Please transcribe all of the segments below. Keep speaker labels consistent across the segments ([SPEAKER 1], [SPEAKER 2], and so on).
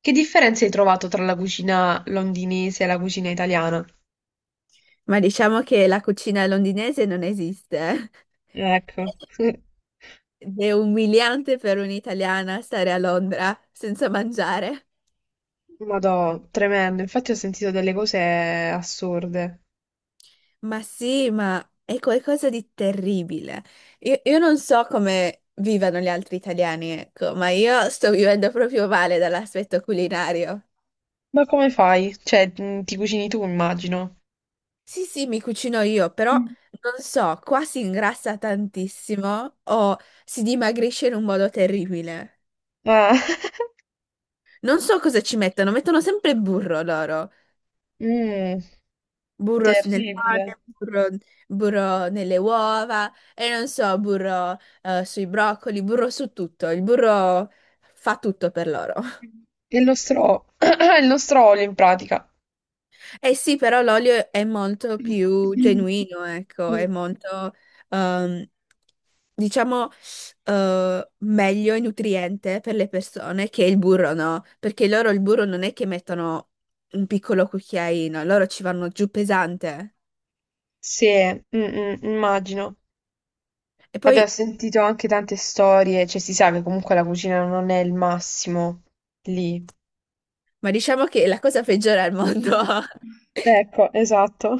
[SPEAKER 1] Che differenze hai trovato tra la cucina londinese e la cucina italiana?
[SPEAKER 2] Ma diciamo che la cucina londinese non esiste. Eh.
[SPEAKER 1] Ecco,
[SPEAKER 2] Ed è umiliante per un'italiana stare a Londra senza mangiare.
[SPEAKER 1] madò, tremendo. Infatti ho sentito delle cose assurde.
[SPEAKER 2] Ma sì, ma è qualcosa di terribile. Io non so come vivano gli altri italiani, ecco, ma io sto vivendo proprio male dall'aspetto culinario.
[SPEAKER 1] Ma come fai? Cioè, ti cucini tu, immagino.
[SPEAKER 2] Sì, sì, mi cucino io, però
[SPEAKER 1] Mm.
[SPEAKER 2] non so, qua si ingrassa tantissimo o si dimagrisce in un modo terribile.
[SPEAKER 1] Ah,
[SPEAKER 2] Non so cosa ci mettono, mettono sempre burro loro.
[SPEAKER 1] mm,
[SPEAKER 2] Burro nel
[SPEAKER 1] terribile.
[SPEAKER 2] pane, burro, burro nelle uova e non so, burro sui broccoli, burro su tutto. Il burro fa tutto per loro.
[SPEAKER 1] E lo stro... il nostro olio, in pratica.
[SPEAKER 2] Eh sì, però l'olio è molto più
[SPEAKER 1] Mm.
[SPEAKER 2] genuino, ecco,
[SPEAKER 1] Mm.
[SPEAKER 2] è molto, ehm, diciamo, meglio e nutriente per le persone che il burro, no? Perché loro il burro non è che mettono un piccolo cucchiaino, loro ci vanno giù pesante.
[SPEAKER 1] Sì, mm, mm, immagino.
[SPEAKER 2] E poi
[SPEAKER 1] Abbiamo sentito anche tante storie, cioè si sa che comunque la cucina non è il massimo lì.
[SPEAKER 2] ma diciamo che la cosa peggiore al mondo.
[SPEAKER 1] Ecco, esatto.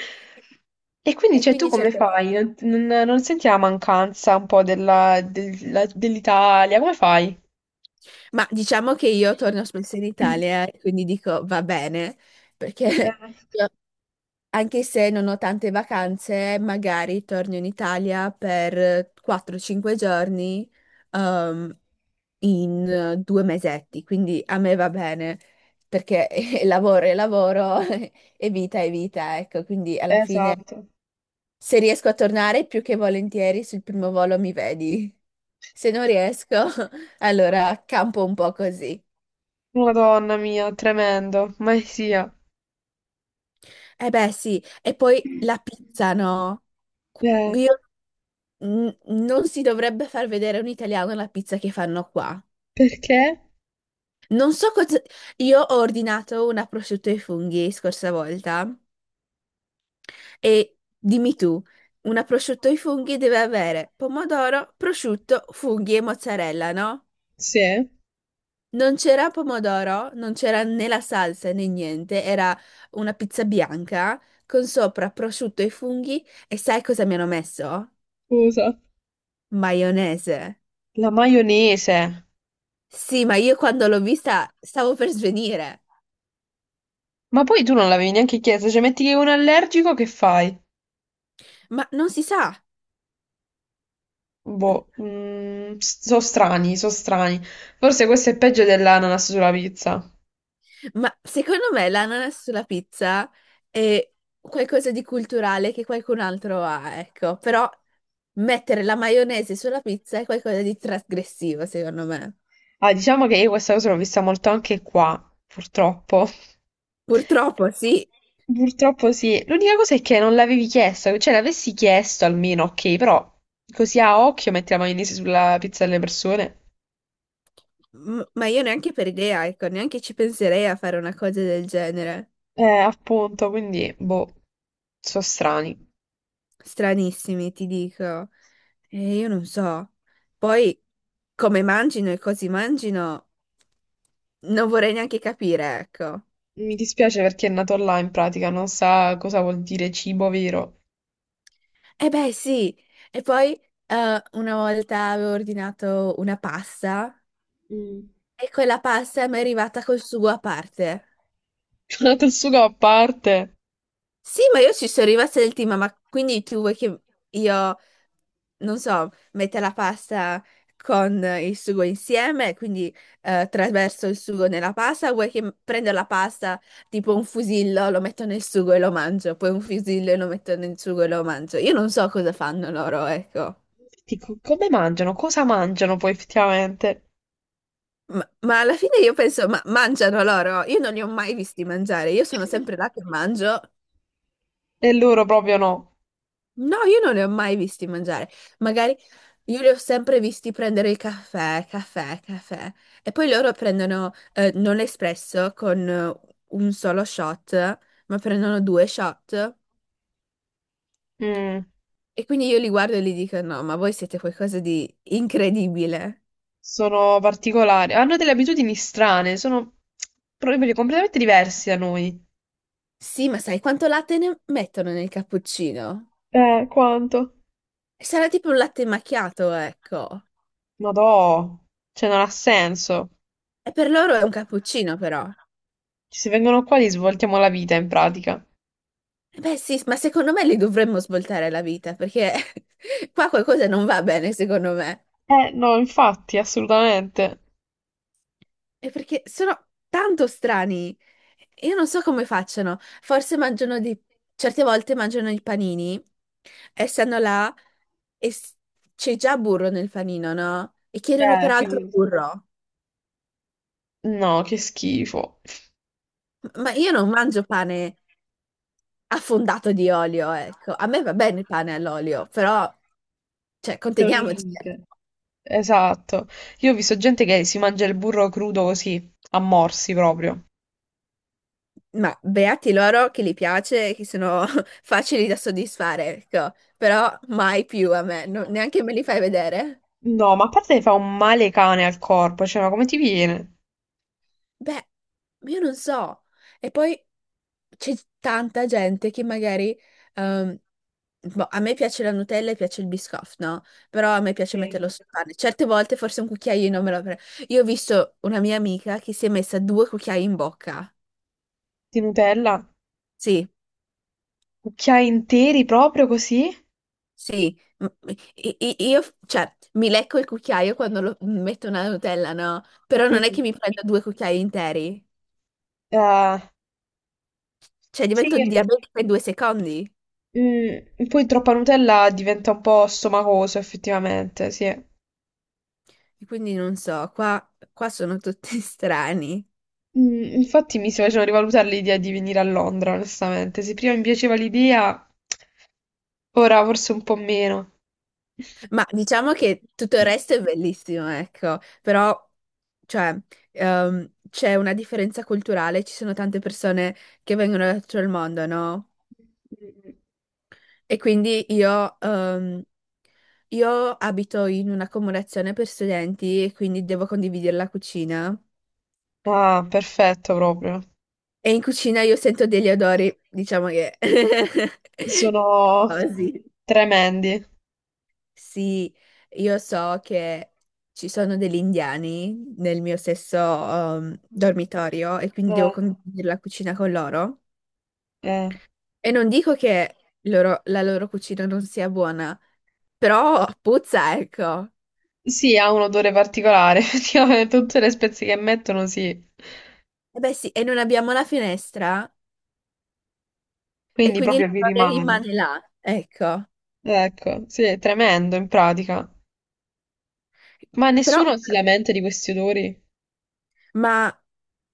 [SPEAKER 1] E quindi,
[SPEAKER 2] E
[SPEAKER 1] cioè, tu
[SPEAKER 2] quindi
[SPEAKER 1] come
[SPEAKER 2] cercherò.
[SPEAKER 1] fai? Non senti la mancanza un po' dell'Italia? Come fai?
[SPEAKER 2] Ma diciamo che io torno spesso in Italia e quindi dico va bene, perché
[SPEAKER 1] Eh,
[SPEAKER 2] io, anche se non ho tante vacanze, magari torno in Italia per 4-5 giorni ehm, in 2 mesetti, quindi a me va bene, perché lavoro e lavoro e vita è vita, ecco, quindi alla fine
[SPEAKER 1] esatto.
[SPEAKER 2] se riesco a tornare più che volentieri sul primo volo mi vedi. Se non riesco, allora campo un po' così.
[SPEAKER 1] Madonna mia, tremendo, mai sia.
[SPEAKER 2] Eh beh, sì, e poi la pizza, no?
[SPEAKER 1] Eh,
[SPEAKER 2] Io, non si dovrebbe far vedere un italiano la pizza che fanno qua.
[SPEAKER 1] perché?
[SPEAKER 2] Non so cosa... Io ho ordinato una prosciutto ai funghi scorsa volta e dimmi tu, una prosciutto ai funghi deve avere pomodoro, prosciutto, funghi e mozzarella, no?
[SPEAKER 1] Sì,
[SPEAKER 2] Non c'era pomodoro, non c'era né la salsa né niente, era una pizza bianca con sopra prosciutto e funghi e sai cosa mi hanno messo?
[SPEAKER 1] scusa.
[SPEAKER 2] Maionese.
[SPEAKER 1] La maionese.
[SPEAKER 2] Sì, ma io quando l'ho vista stavo per svenire,
[SPEAKER 1] Ma poi tu non l'avevi neanche chiesto, cioè metti che è un allergico, che fai?
[SPEAKER 2] ma non si sa.
[SPEAKER 1] Boh, mm, so strani, so strani. Forse questo è peggio dell'ananas sulla pizza.
[SPEAKER 2] Ma secondo me l'ananas sulla pizza è qualcosa di culturale che qualcun altro ha, ecco, però mettere la maionese sulla pizza è qualcosa di trasgressivo, secondo me.
[SPEAKER 1] Ah, diciamo che io questa cosa l'ho vista molto anche qua, purtroppo.
[SPEAKER 2] Purtroppo, sì.
[SPEAKER 1] Purtroppo sì. L'unica cosa è che non l'avevi chiesto, cioè l'avessi chiesto almeno, ok, però così a occhio metti la maionese sulla pizza delle persone.
[SPEAKER 2] Ma io neanche per idea, ecco, neanche ci penserei a fare una cosa del genere.
[SPEAKER 1] Appunto, quindi, boh, so strani.
[SPEAKER 2] Stranissimi, ti dico. E io non so. Poi, come mangino e così mangino, non vorrei neanche capire, ecco.
[SPEAKER 1] Mi dispiace perché è nato là in pratica, non sa cosa vuol dire cibo vero.
[SPEAKER 2] E beh, sì. E poi, una volta avevo ordinato una pasta
[SPEAKER 1] Mm.
[SPEAKER 2] e quella pasta mi è arrivata col sugo a parte.
[SPEAKER 1] Col sugo a parte.
[SPEAKER 2] Sì, ma io ci sono rimasta del team, ma quindi tu vuoi che io... non so, mette la pasta con il sugo insieme, quindi traverso il sugo nella pasta, vuoi che prendo la pasta tipo un fusillo, lo metto nel sugo e lo mangio, poi un fusillo e lo metto nel sugo e lo mangio. Io non so cosa fanno loro, ecco.
[SPEAKER 1] Dico, come mangiano? Cosa mangiano poi effettivamente?
[SPEAKER 2] Ma alla fine io penso, ma mangiano loro? Io non li ho mai visti mangiare, io sono sempre là che mangio.
[SPEAKER 1] E loro proprio no.
[SPEAKER 2] No, io non li ho mai visti mangiare. Magari io li ho sempre visti prendere il caffè, caffè, caffè. E poi loro prendono non l'espresso con un solo shot, ma prendono due shot.
[SPEAKER 1] Mm,
[SPEAKER 2] E quindi io li guardo e gli dico: No, ma voi siete qualcosa di incredibile.
[SPEAKER 1] sono particolari, hanno delle abitudini strane, sono proprio completamente diversi da noi.
[SPEAKER 2] Sì, ma sai quanto latte ne mettono nel cappuccino?
[SPEAKER 1] Quanto?
[SPEAKER 2] Sarà tipo un latte macchiato, ecco.
[SPEAKER 1] Ma no, cioè non ha senso.
[SPEAKER 2] E per loro è un cappuccino, però.
[SPEAKER 1] Se vengono qua gli svoltiamo la vita in pratica.
[SPEAKER 2] Beh sì, ma secondo me li dovremmo svoltare la vita perché qua qualcosa non va bene, secondo me.
[SPEAKER 1] No, infatti, assolutamente.
[SPEAKER 2] E perché sono tanto strani. Io non so come facciano. Forse mangiano dei... certe volte mangiano i panini e stanno là e c'è già burro nel panino, no? E chiedono peraltro
[SPEAKER 1] Figurati.
[SPEAKER 2] burro.
[SPEAKER 1] No, che schifo.
[SPEAKER 2] Ma io non mangio pane affondato di olio, ecco. A me va bene il pane all'olio, però, cioè,
[SPEAKER 1] C'è un
[SPEAKER 2] conteniamoci.
[SPEAKER 1] limite. Esatto. Io ho visto gente che si mangia il burro crudo così, a morsi proprio.
[SPEAKER 2] Ma beati loro che li piace, che sono facili da soddisfare, ecco. Però mai più a me, neanche me li fai vedere.
[SPEAKER 1] No, ma a parte fa un male cane al corpo, cioè, ma come ti viene?
[SPEAKER 2] Beh, io non so. E poi c'è tanta gente che magari... ehm, boh, a me piace la Nutella e piace il Biscoff, no? Però a me piace
[SPEAKER 1] Sì.
[SPEAKER 2] metterlo sul pane. Certe volte forse un cucchiaino me lo prendo. Io ho visto una mia amica che si è messa due cucchiai in bocca.
[SPEAKER 1] Di Nutella?
[SPEAKER 2] Sì.
[SPEAKER 1] Cucchiai interi proprio così?
[SPEAKER 2] Sì, io, cioè, mi lecco il cucchiaio quando lo- metto una Nutella, no? Però non è
[SPEAKER 1] Mm.
[SPEAKER 2] che mi prendo due cucchiai interi,
[SPEAKER 1] Eh,
[SPEAKER 2] cioè
[SPEAKER 1] sì,
[SPEAKER 2] divento diabetica in 2 secondi.
[SPEAKER 1] mm, poi troppa Nutella diventa un po' stomacoso, effettivamente, sì.
[SPEAKER 2] E quindi non so, qua sono tutti strani.
[SPEAKER 1] Mm, infatti mi si faceva rivalutare l'idea di venire a Londra, onestamente. Se prima mi piaceva l'idea, ora forse un po' meno.
[SPEAKER 2] Ma diciamo che tutto il resto è bellissimo, ecco. Però, cioè, c'è una differenza culturale, ci sono tante persone che vengono da tutto il mondo, no?
[SPEAKER 1] Mm.
[SPEAKER 2] E quindi io abito in un'accomodazione per studenti e quindi devo condividere la cucina.
[SPEAKER 1] Ah, perfetto proprio.
[SPEAKER 2] E in cucina io sento degli odori, diciamo che...
[SPEAKER 1] Sono
[SPEAKER 2] Così.
[SPEAKER 1] tremendi.
[SPEAKER 2] Sì, io so che ci sono degli indiani nel mio stesso dormitorio e quindi devo
[SPEAKER 1] Eh,
[SPEAKER 2] condividere la cucina con loro.
[SPEAKER 1] eh.
[SPEAKER 2] E non dico che la loro cucina non sia buona, però puzza, ecco.
[SPEAKER 1] Sì, ha un odore particolare, effettivamente tutte le spezie che mettono sì,
[SPEAKER 2] Eh beh sì, e non abbiamo la finestra e
[SPEAKER 1] quindi
[SPEAKER 2] quindi
[SPEAKER 1] proprio vi
[SPEAKER 2] l'errore
[SPEAKER 1] rimane.
[SPEAKER 2] rimane là, ecco.
[SPEAKER 1] Ecco, sì, è tremendo in pratica. Ma
[SPEAKER 2] Però,
[SPEAKER 1] nessuno si lamenta di questi odori?
[SPEAKER 2] ma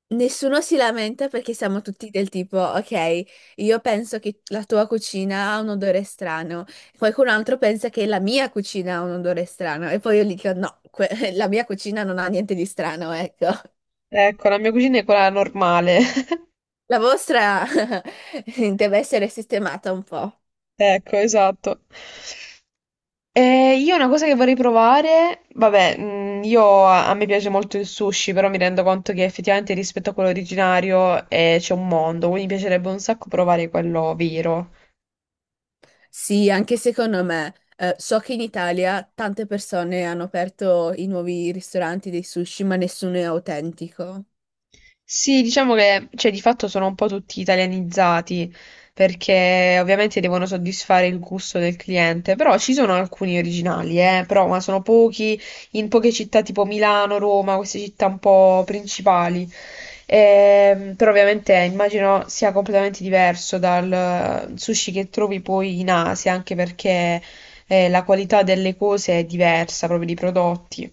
[SPEAKER 2] nessuno si lamenta perché siamo tutti del tipo, ok, io penso che la tua cucina ha un odore strano, qualcun altro pensa che la mia cucina ha un odore strano e poi io gli dico, no, que- la mia cucina non ha niente di strano, ecco.
[SPEAKER 1] Ecco, la mia cucina è quella normale.
[SPEAKER 2] La vostra deve essere sistemata un po'.
[SPEAKER 1] Ecco, esatto. Io una cosa che vorrei provare, vabbè, mm, io a me piace molto il sushi, però mi rendo conto che effettivamente rispetto a quello originario c'è un mondo, quindi mi piacerebbe un sacco provare quello vero.
[SPEAKER 2] Sì, anche secondo me. So che in Italia tante persone hanno aperto i nuovi ristoranti dei sushi, ma nessuno è autentico.
[SPEAKER 1] Sì, diciamo che cioè, di fatto sono un po' tutti italianizzati perché ovviamente devono soddisfare il gusto del cliente, però ci sono alcuni originali, però ma sono pochi in poche città tipo Milano, Roma, queste città un po' principali. Però ovviamente immagino sia completamente diverso dal sushi che trovi poi in Asia, anche perché la qualità delle cose è diversa, proprio dei prodotti.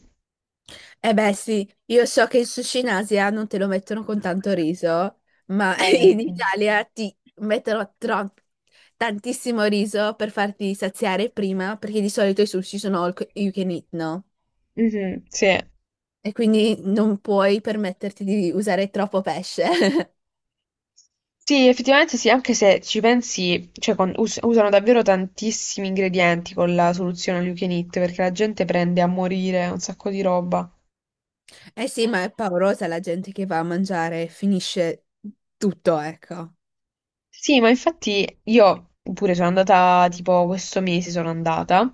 [SPEAKER 2] Eh beh, sì, io so che il sushi in Asia non te lo mettono con tanto riso, ma in
[SPEAKER 1] Sì.
[SPEAKER 2] Italia ti mettono tantissimo riso per farti saziare prima, perché di solito i sushi sono all you can eat, no?
[SPEAKER 1] Mhm, sì.
[SPEAKER 2] E quindi non puoi permetterti di usare troppo pesce.
[SPEAKER 1] Sì, effettivamente sì, anche se ci pensi, cioè usano davvero tantissimi ingredienti con la soluzione all you can eat, perché la gente prende a morire un sacco di roba.
[SPEAKER 2] Eh sì, ma è paurosa la gente che va a mangiare e finisce tutto, ecco.
[SPEAKER 1] Sì, ma infatti io pure sono andata, tipo questo mese sono andata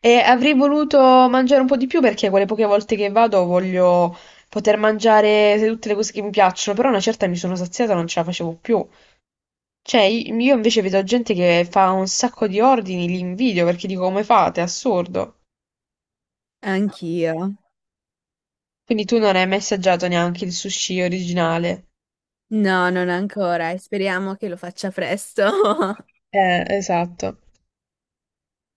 [SPEAKER 1] e avrei voluto mangiare un po' di più perché quelle poche volte che vado voglio poter mangiare tutte le cose che mi piacciono, però una certa mi sono saziata, non ce la facevo più. Cioè, io invece vedo gente che fa un sacco di ordini, li invidio perché dico come fate, è assurdo.
[SPEAKER 2] Anch'io.
[SPEAKER 1] Quindi tu non hai mai assaggiato neanche il sushi originale.
[SPEAKER 2] No, non ancora e speriamo che lo faccia presto.
[SPEAKER 1] Esatto.